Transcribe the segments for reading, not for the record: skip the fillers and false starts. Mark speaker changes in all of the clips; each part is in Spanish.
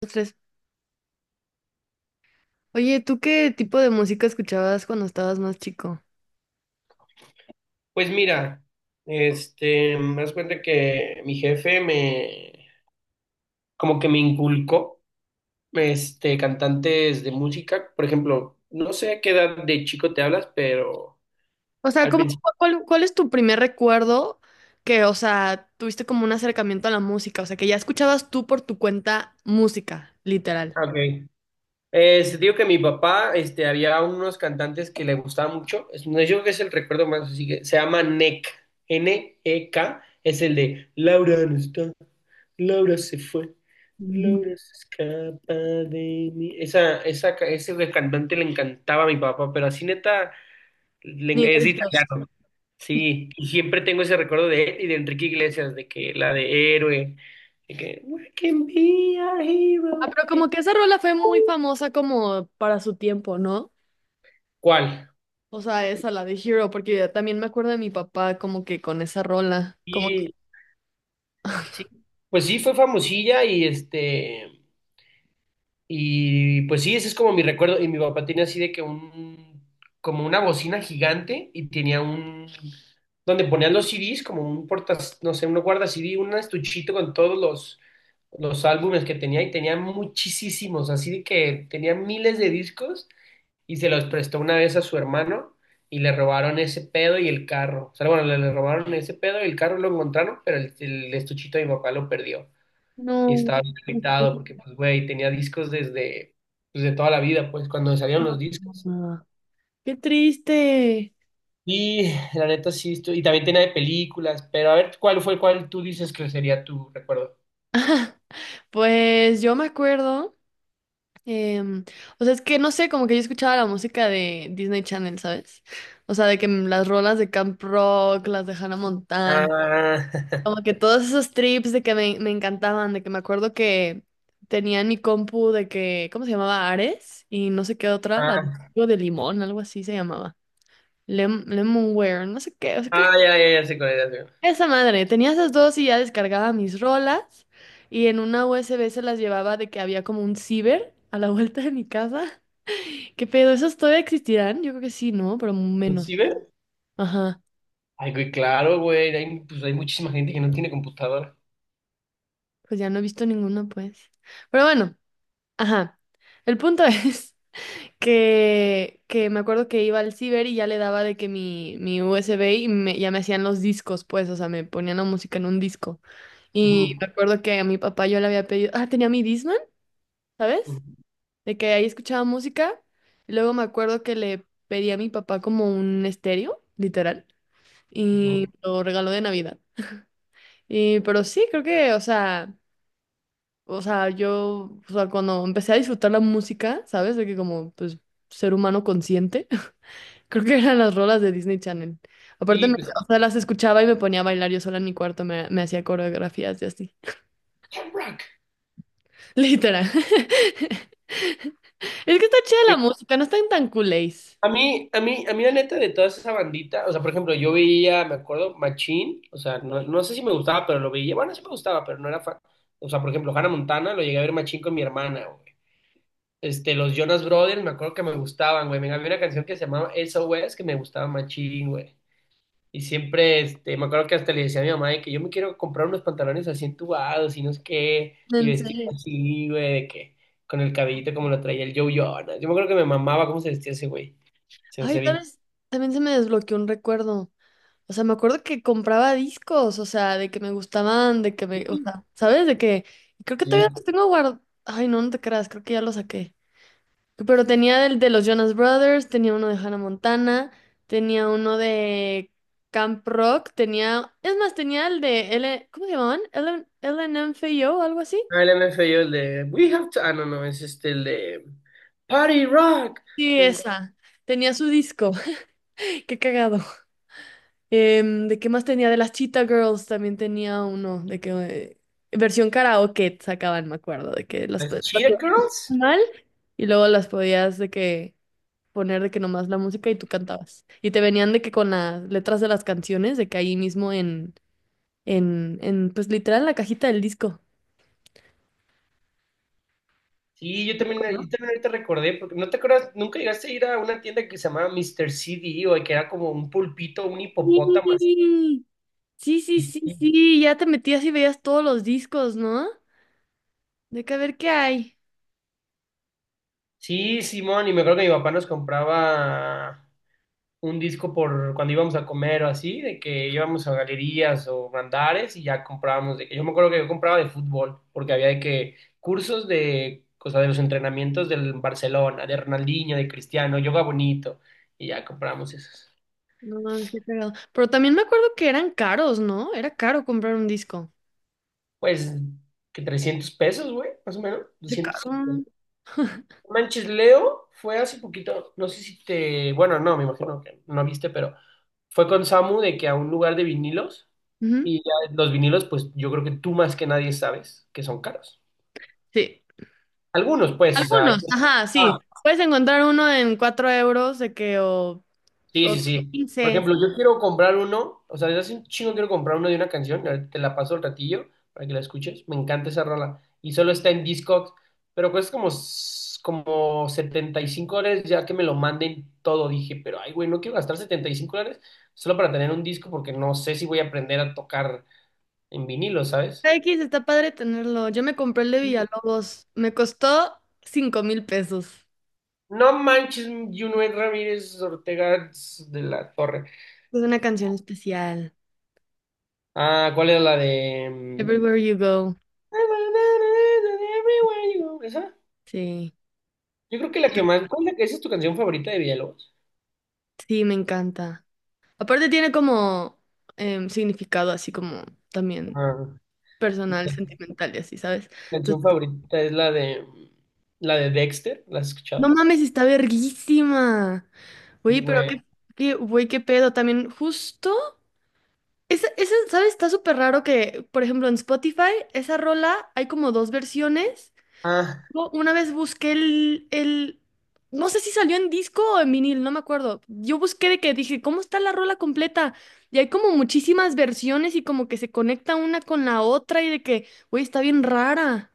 Speaker 1: Los tres. Oye, ¿tú qué tipo de música escuchabas cuando estabas más chico?
Speaker 2: Pues mira, me das cuenta que mi jefe me, como que me inculcó, cantantes de música, por ejemplo, no sé a qué edad de chico te hablas, pero
Speaker 1: O sea,
Speaker 2: al
Speaker 1: ¿cómo,
Speaker 2: principio,
Speaker 1: cuál, cuál es tu primer recuerdo que, o sea, tuviste como un acercamiento a la música? O sea, que ya escuchabas tú por tu cuenta música, literal.
Speaker 2: ok. Se digo que mi papá, había unos cantantes que le gustaba mucho. No, yo creo que es el recuerdo más, así que se llama NEK, N E K, es el de Laura no está, Laura se fue,
Speaker 1: Ujú.
Speaker 2: Laura se escapa de mí. Ese de cantante le encantaba a mi papá, pero así neta, es
Speaker 1: Nivel dos.
Speaker 2: italiano. Sí, y siempre tengo ese recuerdo de él y de Enrique Iglesias, de que la de Héroe, de que we can be a
Speaker 1: Ah,
Speaker 2: hero.
Speaker 1: pero como que esa rola fue muy famosa como para su tiempo, ¿no?
Speaker 2: ¿Cuál?
Speaker 1: O sea, esa, la de Hero, porque yo también me acuerdo de mi papá como que con esa rola, como que...
Speaker 2: Sí, pues sí, fue famosilla y y pues sí, ese es como mi recuerdo. Y mi papá tenía así de que un, como una bocina gigante y tenía un, donde ponían los CDs, como un portas, no sé, uno guarda CD, un estuchito con todos los álbumes que tenía y tenía muchísimos, así de que tenía miles de discos y se los prestó una vez a su hermano y le robaron ese pedo y el carro. O sea, bueno, le robaron ese pedo y el carro lo encontraron, pero el estuchito de mi papá lo perdió y
Speaker 1: No,
Speaker 2: estaba bien
Speaker 1: no sé.
Speaker 2: limitado porque, pues, güey, tenía discos desde, pues, de toda la vida, pues, cuando salieron los discos.
Speaker 1: Ah, qué triste.
Speaker 2: Y la neta sí, y también tenía de películas, pero a ver, ¿cuál fue, cuál tú dices que sería tu recuerdo?
Speaker 1: Pues yo me acuerdo, em, o sea, es que no sé, como que yo escuchaba la música de Disney Channel, ¿sabes? O sea, de que las rolas de Camp Rock, las de Hannah Montana,
Speaker 2: Ah,
Speaker 1: como que todos esos trips de que me encantaban, de que me acuerdo que tenía en mi compu de que, ¿cómo se llamaba? Ares y no sé qué otra, la de,
Speaker 2: ah,
Speaker 1: algo de limón, algo así se llamaba. Lemonware, no sé qué, o sea, que
Speaker 2: ya, ya, ya sé cuál es, ya sé
Speaker 1: esa madre, tenía esas dos y ya descargaba mis rolas y en una USB se las llevaba de que había como un ciber a la vuelta de mi casa. ¿Qué pedo? ¿Esos todavía existirán? Yo creo que sí, ¿no? Pero
Speaker 2: cuál es.
Speaker 1: menos.
Speaker 2: ¿Sí ves?
Speaker 1: Ajá,
Speaker 2: Ay, güey, claro, güey, hay, pues, hay muchísima gente que no tiene computadora.
Speaker 1: pues ya no he visto ninguno, pues. Pero bueno, ajá. El punto es que me acuerdo que iba al ciber y ya le daba de que mi USB y ya me hacían los discos, pues, o sea, me ponían la música en un disco. Y
Speaker 2: Ujú,
Speaker 1: me acuerdo que a mi papá yo le había pedido, ah, tenía mi Discman.
Speaker 2: ujú,
Speaker 1: ¿Sabes? De que ahí escuchaba música. Y luego me acuerdo que le pedí a mi papá como un estéreo, literal, y
Speaker 2: ujú.
Speaker 1: lo regaló de Navidad. Y, pero sí, creo que, o sea, yo, o sea, cuando empecé a disfrutar la música, ¿sabes? De que como, pues, ser humano consciente, creo que eran las rolas de Disney Channel. Aparte,
Speaker 2: Sí, pues, sí.
Speaker 1: o sea, las escuchaba y me ponía a bailar yo sola en mi cuarto, me hacía coreografías y así.
Speaker 2: Jamrock.
Speaker 1: Literal. Es que está chida la música, no están tan culés.
Speaker 2: A mí la neta de toda esa bandita, o sea, por ejemplo, yo veía, me acuerdo, Machín, o sea, no, no sé si me gustaba, pero lo veía, bueno, sí me gustaba, pero no era fan. O sea, por ejemplo, Hannah Montana, lo llegué a ver Machín con mi hermana, güey. Los Jonas Brothers, me acuerdo que me gustaban, güey. Me había una canción que se llamaba SOS que me gustaba Machín, güey. Y siempre, me acuerdo que hasta le decía a mi mamá de que yo me quiero comprar unos pantalones así entubados y no sé qué, y
Speaker 1: En
Speaker 2: vestir
Speaker 1: serio.
Speaker 2: así, güey, de que con el cabellito como lo traía el Joe Jonas. Yo me acuerdo que me mamaba cómo se vestía ese güey. Se me hacía
Speaker 1: Ay, tal
Speaker 2: bien.
Speaker 1: vez también se me desbloqueó un recuerdo. O sea, me acuerdo que compraba discos, o sea, de que me gustaban, de que me, o sea, ¿sabes? De que y creo que todavía
Speaker 2: Sí.
Speaker 1: los tengo guardados. Ay, no, no te creas, creo que ya los saqué. Pero tenía el de los Jonas Brothers, tenía uno de Hannah Montana, tenía uno de Camp Rock, tenía, es más, tenía el de L, ¿cómo se llamaban? LN, o algo así.
Speaker 2: Ah, el MFAO, el de we have to. Ah, no, no, es el de Party Rock.
Speaker 1: Sí,
Speaker 2: eh,
Speaker 1: esa. Tenía su disco. Qué cagado. Em, ¿de qué más tenía? De las Cheetah Girls también tenía uno, de que versión karaoke sacaban, me acuerdo, de que las
Speaker 2: Las
Speaker 1: podías
Speaker 2: Cheetah Girls.
Speaker 1: mal y luego las podías de que poner de que nomás la música y tú cantabas. Y te venían de que con las letras de las canciones, de que ahí mismo en, en pues literal en la cajita del disco.
Speaker 2: Sí, yo
Speaker 1: ¿No?
Speaker 2: también ahorita recordé, porque no te acuerdas, nunca llegaste a ir a una tienda que se llamaba Mr. CD o que era como un pulpito, un hipopótamo así.
Speaker 1: Sí, sí, ya te metías y veías todos los discos, ¿no? De que a ver qué hay.
Speaker 2: Sí, Simón, y me acuerdo que mi papá nos compraba un disco por cuando íbamos a comer o así, de que íbamos a galerías o andares y ya comprábamos. Yo me acuerdo que yo compraba de fútbol, porque había de que cursos de, o sea, de los entrenamientos del Barcelona, de Ronaldinho, de Cristiano, yoga bonito, y ya comprábamos esos.
Speaker 1: No mames, qué cagado. Pero también me acuerdo que eran caros, ¿no? Era caro comprar un disco.
Speaker 2: Pues, que 300 pesos, güey, más o menos,
Speaker 1: Sí,
Speaker 2: 200.
Speaker 1: caro.
Speaker 2: No manches, Leo fue hace poquito, no sé si te, bueno, no, me imagino que no viste, pero fue con Samu de que a un lugar de vinilos
Speaker 1: Ujú.
Speaker 2: y ya los vinilos, pues yo creo que tú más que nadie sabes que son caros.
Speaker 1: Sí.
Speaker 2: Algunos, pues, o sea, hay-
Speaker 1: Algunos, ajá, sí. Puedes encontrar uno en 4 euros de que
Speaker 2: Sí,
Speaker 1: o
Speaker 2: sí, sí. Por
Speaker 1: 15.
Speaker 2: ejemplo, yo quiero comprar uno, o sea, desde hace un chingo quiero comprar uno de una canción, ahorita te la paso al ratillo para que la escuches, me encanta esa rola, y solo está en Discogs, pero cuesta como, como 75 dólares ya que me lo manden todo, dije, pero ay, güey, no quiero gastar 75 dólares solo para tener un disco porque no sé si voy a aprender a tocar en vinilo, ¿sabes?
Speaker 1: X está padre tenerlo. Yo me compré el de
Speaker 2: Y-
Speaker 1: Villalobos. Me costó 5000 pesos.
Speaker 2: No manches, Junuel Ramírez Ortega de la Torre.
Speaker 1: Es una canción especial.
Speaker 2: Ah, ¿cuál era la de...?
Speaker 1: Everywhere You Go.
Speaker 2: Everywhere you go. Esa.
Speaker 1: Sí.
Speaker 2: Yo creo que la que más. ¿Cuál es la que esa es tu canción favorita de Villalobos?
Speaker 1: Sí, me encanta. Aparte tiene como significado así como también
Speaker 2: Ah, mi
Speaker 1: personal,
Speaker 2: can-
Speaker 1: sentimental y así, ¿sabes?
Speaker 2: canción favorita es la de. La de Dexter. ¿La has
Speaker 1: No
Speaker 2: escuchado?
Speaker 1: mames, está verguísima. Oye,
Speaker 2: Sí,
Speaker 1: pero
Speaker 2: güey.
Speaker 1: qué, qué, güey, qué pedo. También justo, esa, ¿sabes? Está súper raro que, por ejemplo, en Spotify, esa rola hay como 2 versiones.
Speaker 2: Ah,
Speaker 1: Yo una vez busqué el, no sé si salió en disco o en vinil, no me acuerdo. Yo busqué de que dije, ¿cómo está la rola completa? Y hay como muchísimas versiones y como que se conecta una con la otra y de que, güey, está bien rara.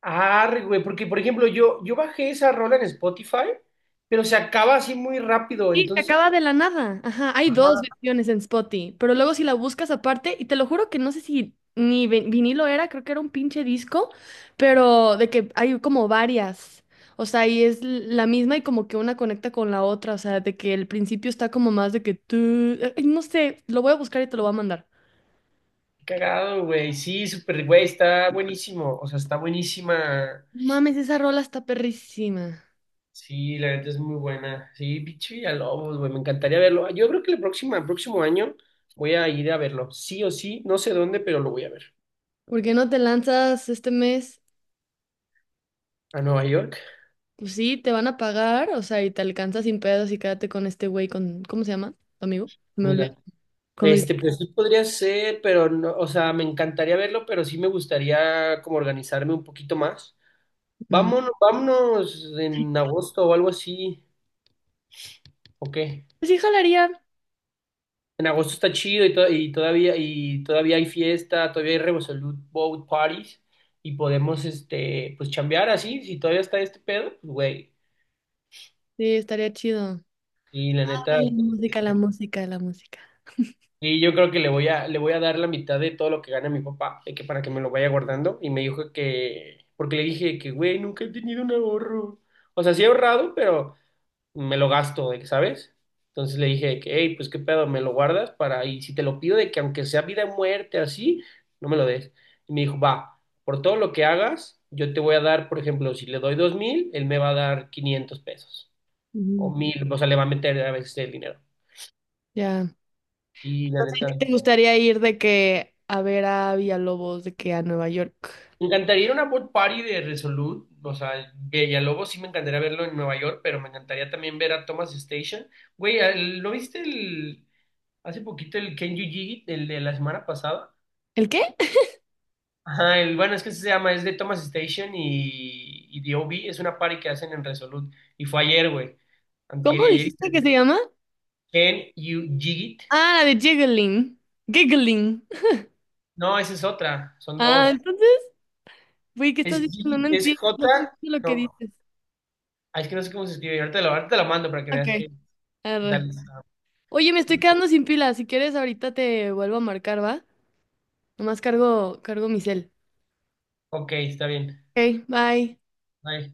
Speaker 2: arre, güey. Porque, por ejemplo, yo bajé esa rola en Spotify, pero se acaba así muy rápido.
Speaker 1: Sí, se
Speaker 2: Entonces.
Speaker 1: acaba de la nada. Ajá, hay dos
Speaker 2: Ajá.
Speaker 1: versiones en Spotify, pero luego si la buscas aparte, y te lo juro que no sé si ni vinilo era, creo que era un pinche disco, pero de que hay como varias. O sea, y es la misma y como que una conecta con la otra, o sea, de que el principio está como más de que tú, no sé, lo voy a buscar y te lo voy a mandar.
Speaker 2: Qué cagado, güey. Sí, súper, güey. Está buenísimo. O sea, está buenísima.
Speaker 1: No mames, esa rola está perrísima.
Speaker 2: Sí, la neta es muy buena. Sí, pinche Villalobos, güey, me encantaría verlo. Yo creo que el próximo año voy a ir a verlo, sí o sí, no sé dónde, pero lo voy a ver.
Speaker 1: ¿Por qué no te lanzas este mes?
Speaker 2: A Nueva York,
Speaker 1: Pues sí, te van a pagar, o sea, y te alcanzas sin pedos y quédate con este güey, con, ¿cómo se llama? ¿Tu amigo? Me olvidé.
Speaker 2: mira.
Speaker 1: Con Luis.
Speaker 2: Pues sí podría ser, pero no, o sea, me encantaría verlo, pero sí me gustaría como organizarme un poquito más.
Speaker 1: Mm.
Speaker 2: Vámonos, vámonos en agosto o algo así, ¿o qué?
Speaker 1: Pues sí, jalaría.
Speaker 2: En agosto está chido y, y todavía hay fiesta, todavía hay Revolut Boat Parties y podemos pues chambear así, si todavía está este pedo, pues güey.
Speaker 1: Sí, estaría chido.
Speaker 2: Y la neta,
Speaker 1: Ay, la música, la música, la música.
Speaker 2: y yo creo que le voy a dar la mitad de todo lo que gana mi papá, de que para que me lo vaya guardando y me dijo que porque le dije que güey, nunca he tenido un ahorro. O sea, sí he ahorrado, pero me lo gasto, de que, ¿sabes? Entonces le dije de que, hey, pues qué pedo, me lo guardas para, y si te lo pido de que aunque sea vida o muerte, así, no me lo des. Y me dijo, va, por todo lo que hagas, yo te voy a dar, por ejemplo, si le doy 2.000, él me va a dar 500 pesos,
Speaker 1: Ujú.
Speaker 2: o 1.000, o sea, le va a meter a veces el dinero.
Speaker 1: Ya.
Speaker 2: Y la
Speaker 1: Entonces, ¿a
Speaker 2: neta,
Speaker 1: ti te gustaría ir de que a ver a Villalobos, de que a Nueva York?
Speaker 2: me encantaría ir a una board party de Resolute, o sea, Villalobos sí me encantaría verlo en Nueva York, pero me encantaría también ver a Thomas Station. Güey, ¿lo viste el, hace poquito el Ken Yu el de la semana pasada?
Speaker 1: ¿El qué?
Speaker 2: Ajá, bueno, es que se llama, es de Thomas Station y The OB, es una party que hacen en Resolute. Y fue ayer, güey. Antier y
Speaker 1: ¿Cómo
Speaker 2: ayer.
Speaker 1: dijiste que se llama?
Speaker 2: Can you jig it?
Speaker 1: Ah, la de Jiggling. Giggling.
Speaker 2: No, esa es otra, son
Speaker 1: Ah,
Speaker 2: dos.
Speaker 1: entonces, güey, ¿qué
Speaker 2: Es
Speaker 1: estás
Speaker 2: jig
Speaker 1: diciendo? No
Speaker 2: it, es
Speaker 1: entiendo, no
Speaker 2: J,
Speaker 1: comprendo lo que
Speaker 2: no,
Speaker 1: dices.
Speaker 2: ah, es que no sé cómo se escribe. Ahorita te lo mando para que veas
Speaker 1: Ok,
Speaker 2: que.
Speaker 1: arre.
Speaker 2: Dale, está.
Speaker 1: Oye, me estoy quedando sin pila. Si quieres, ahorita te vuelvo a marcar, ¿va? Nomás cargo, cargo mi cel.
Speaker 2: Ok, está bien.
Speaker 1: Ok, bye.
Speaker 2: Bye.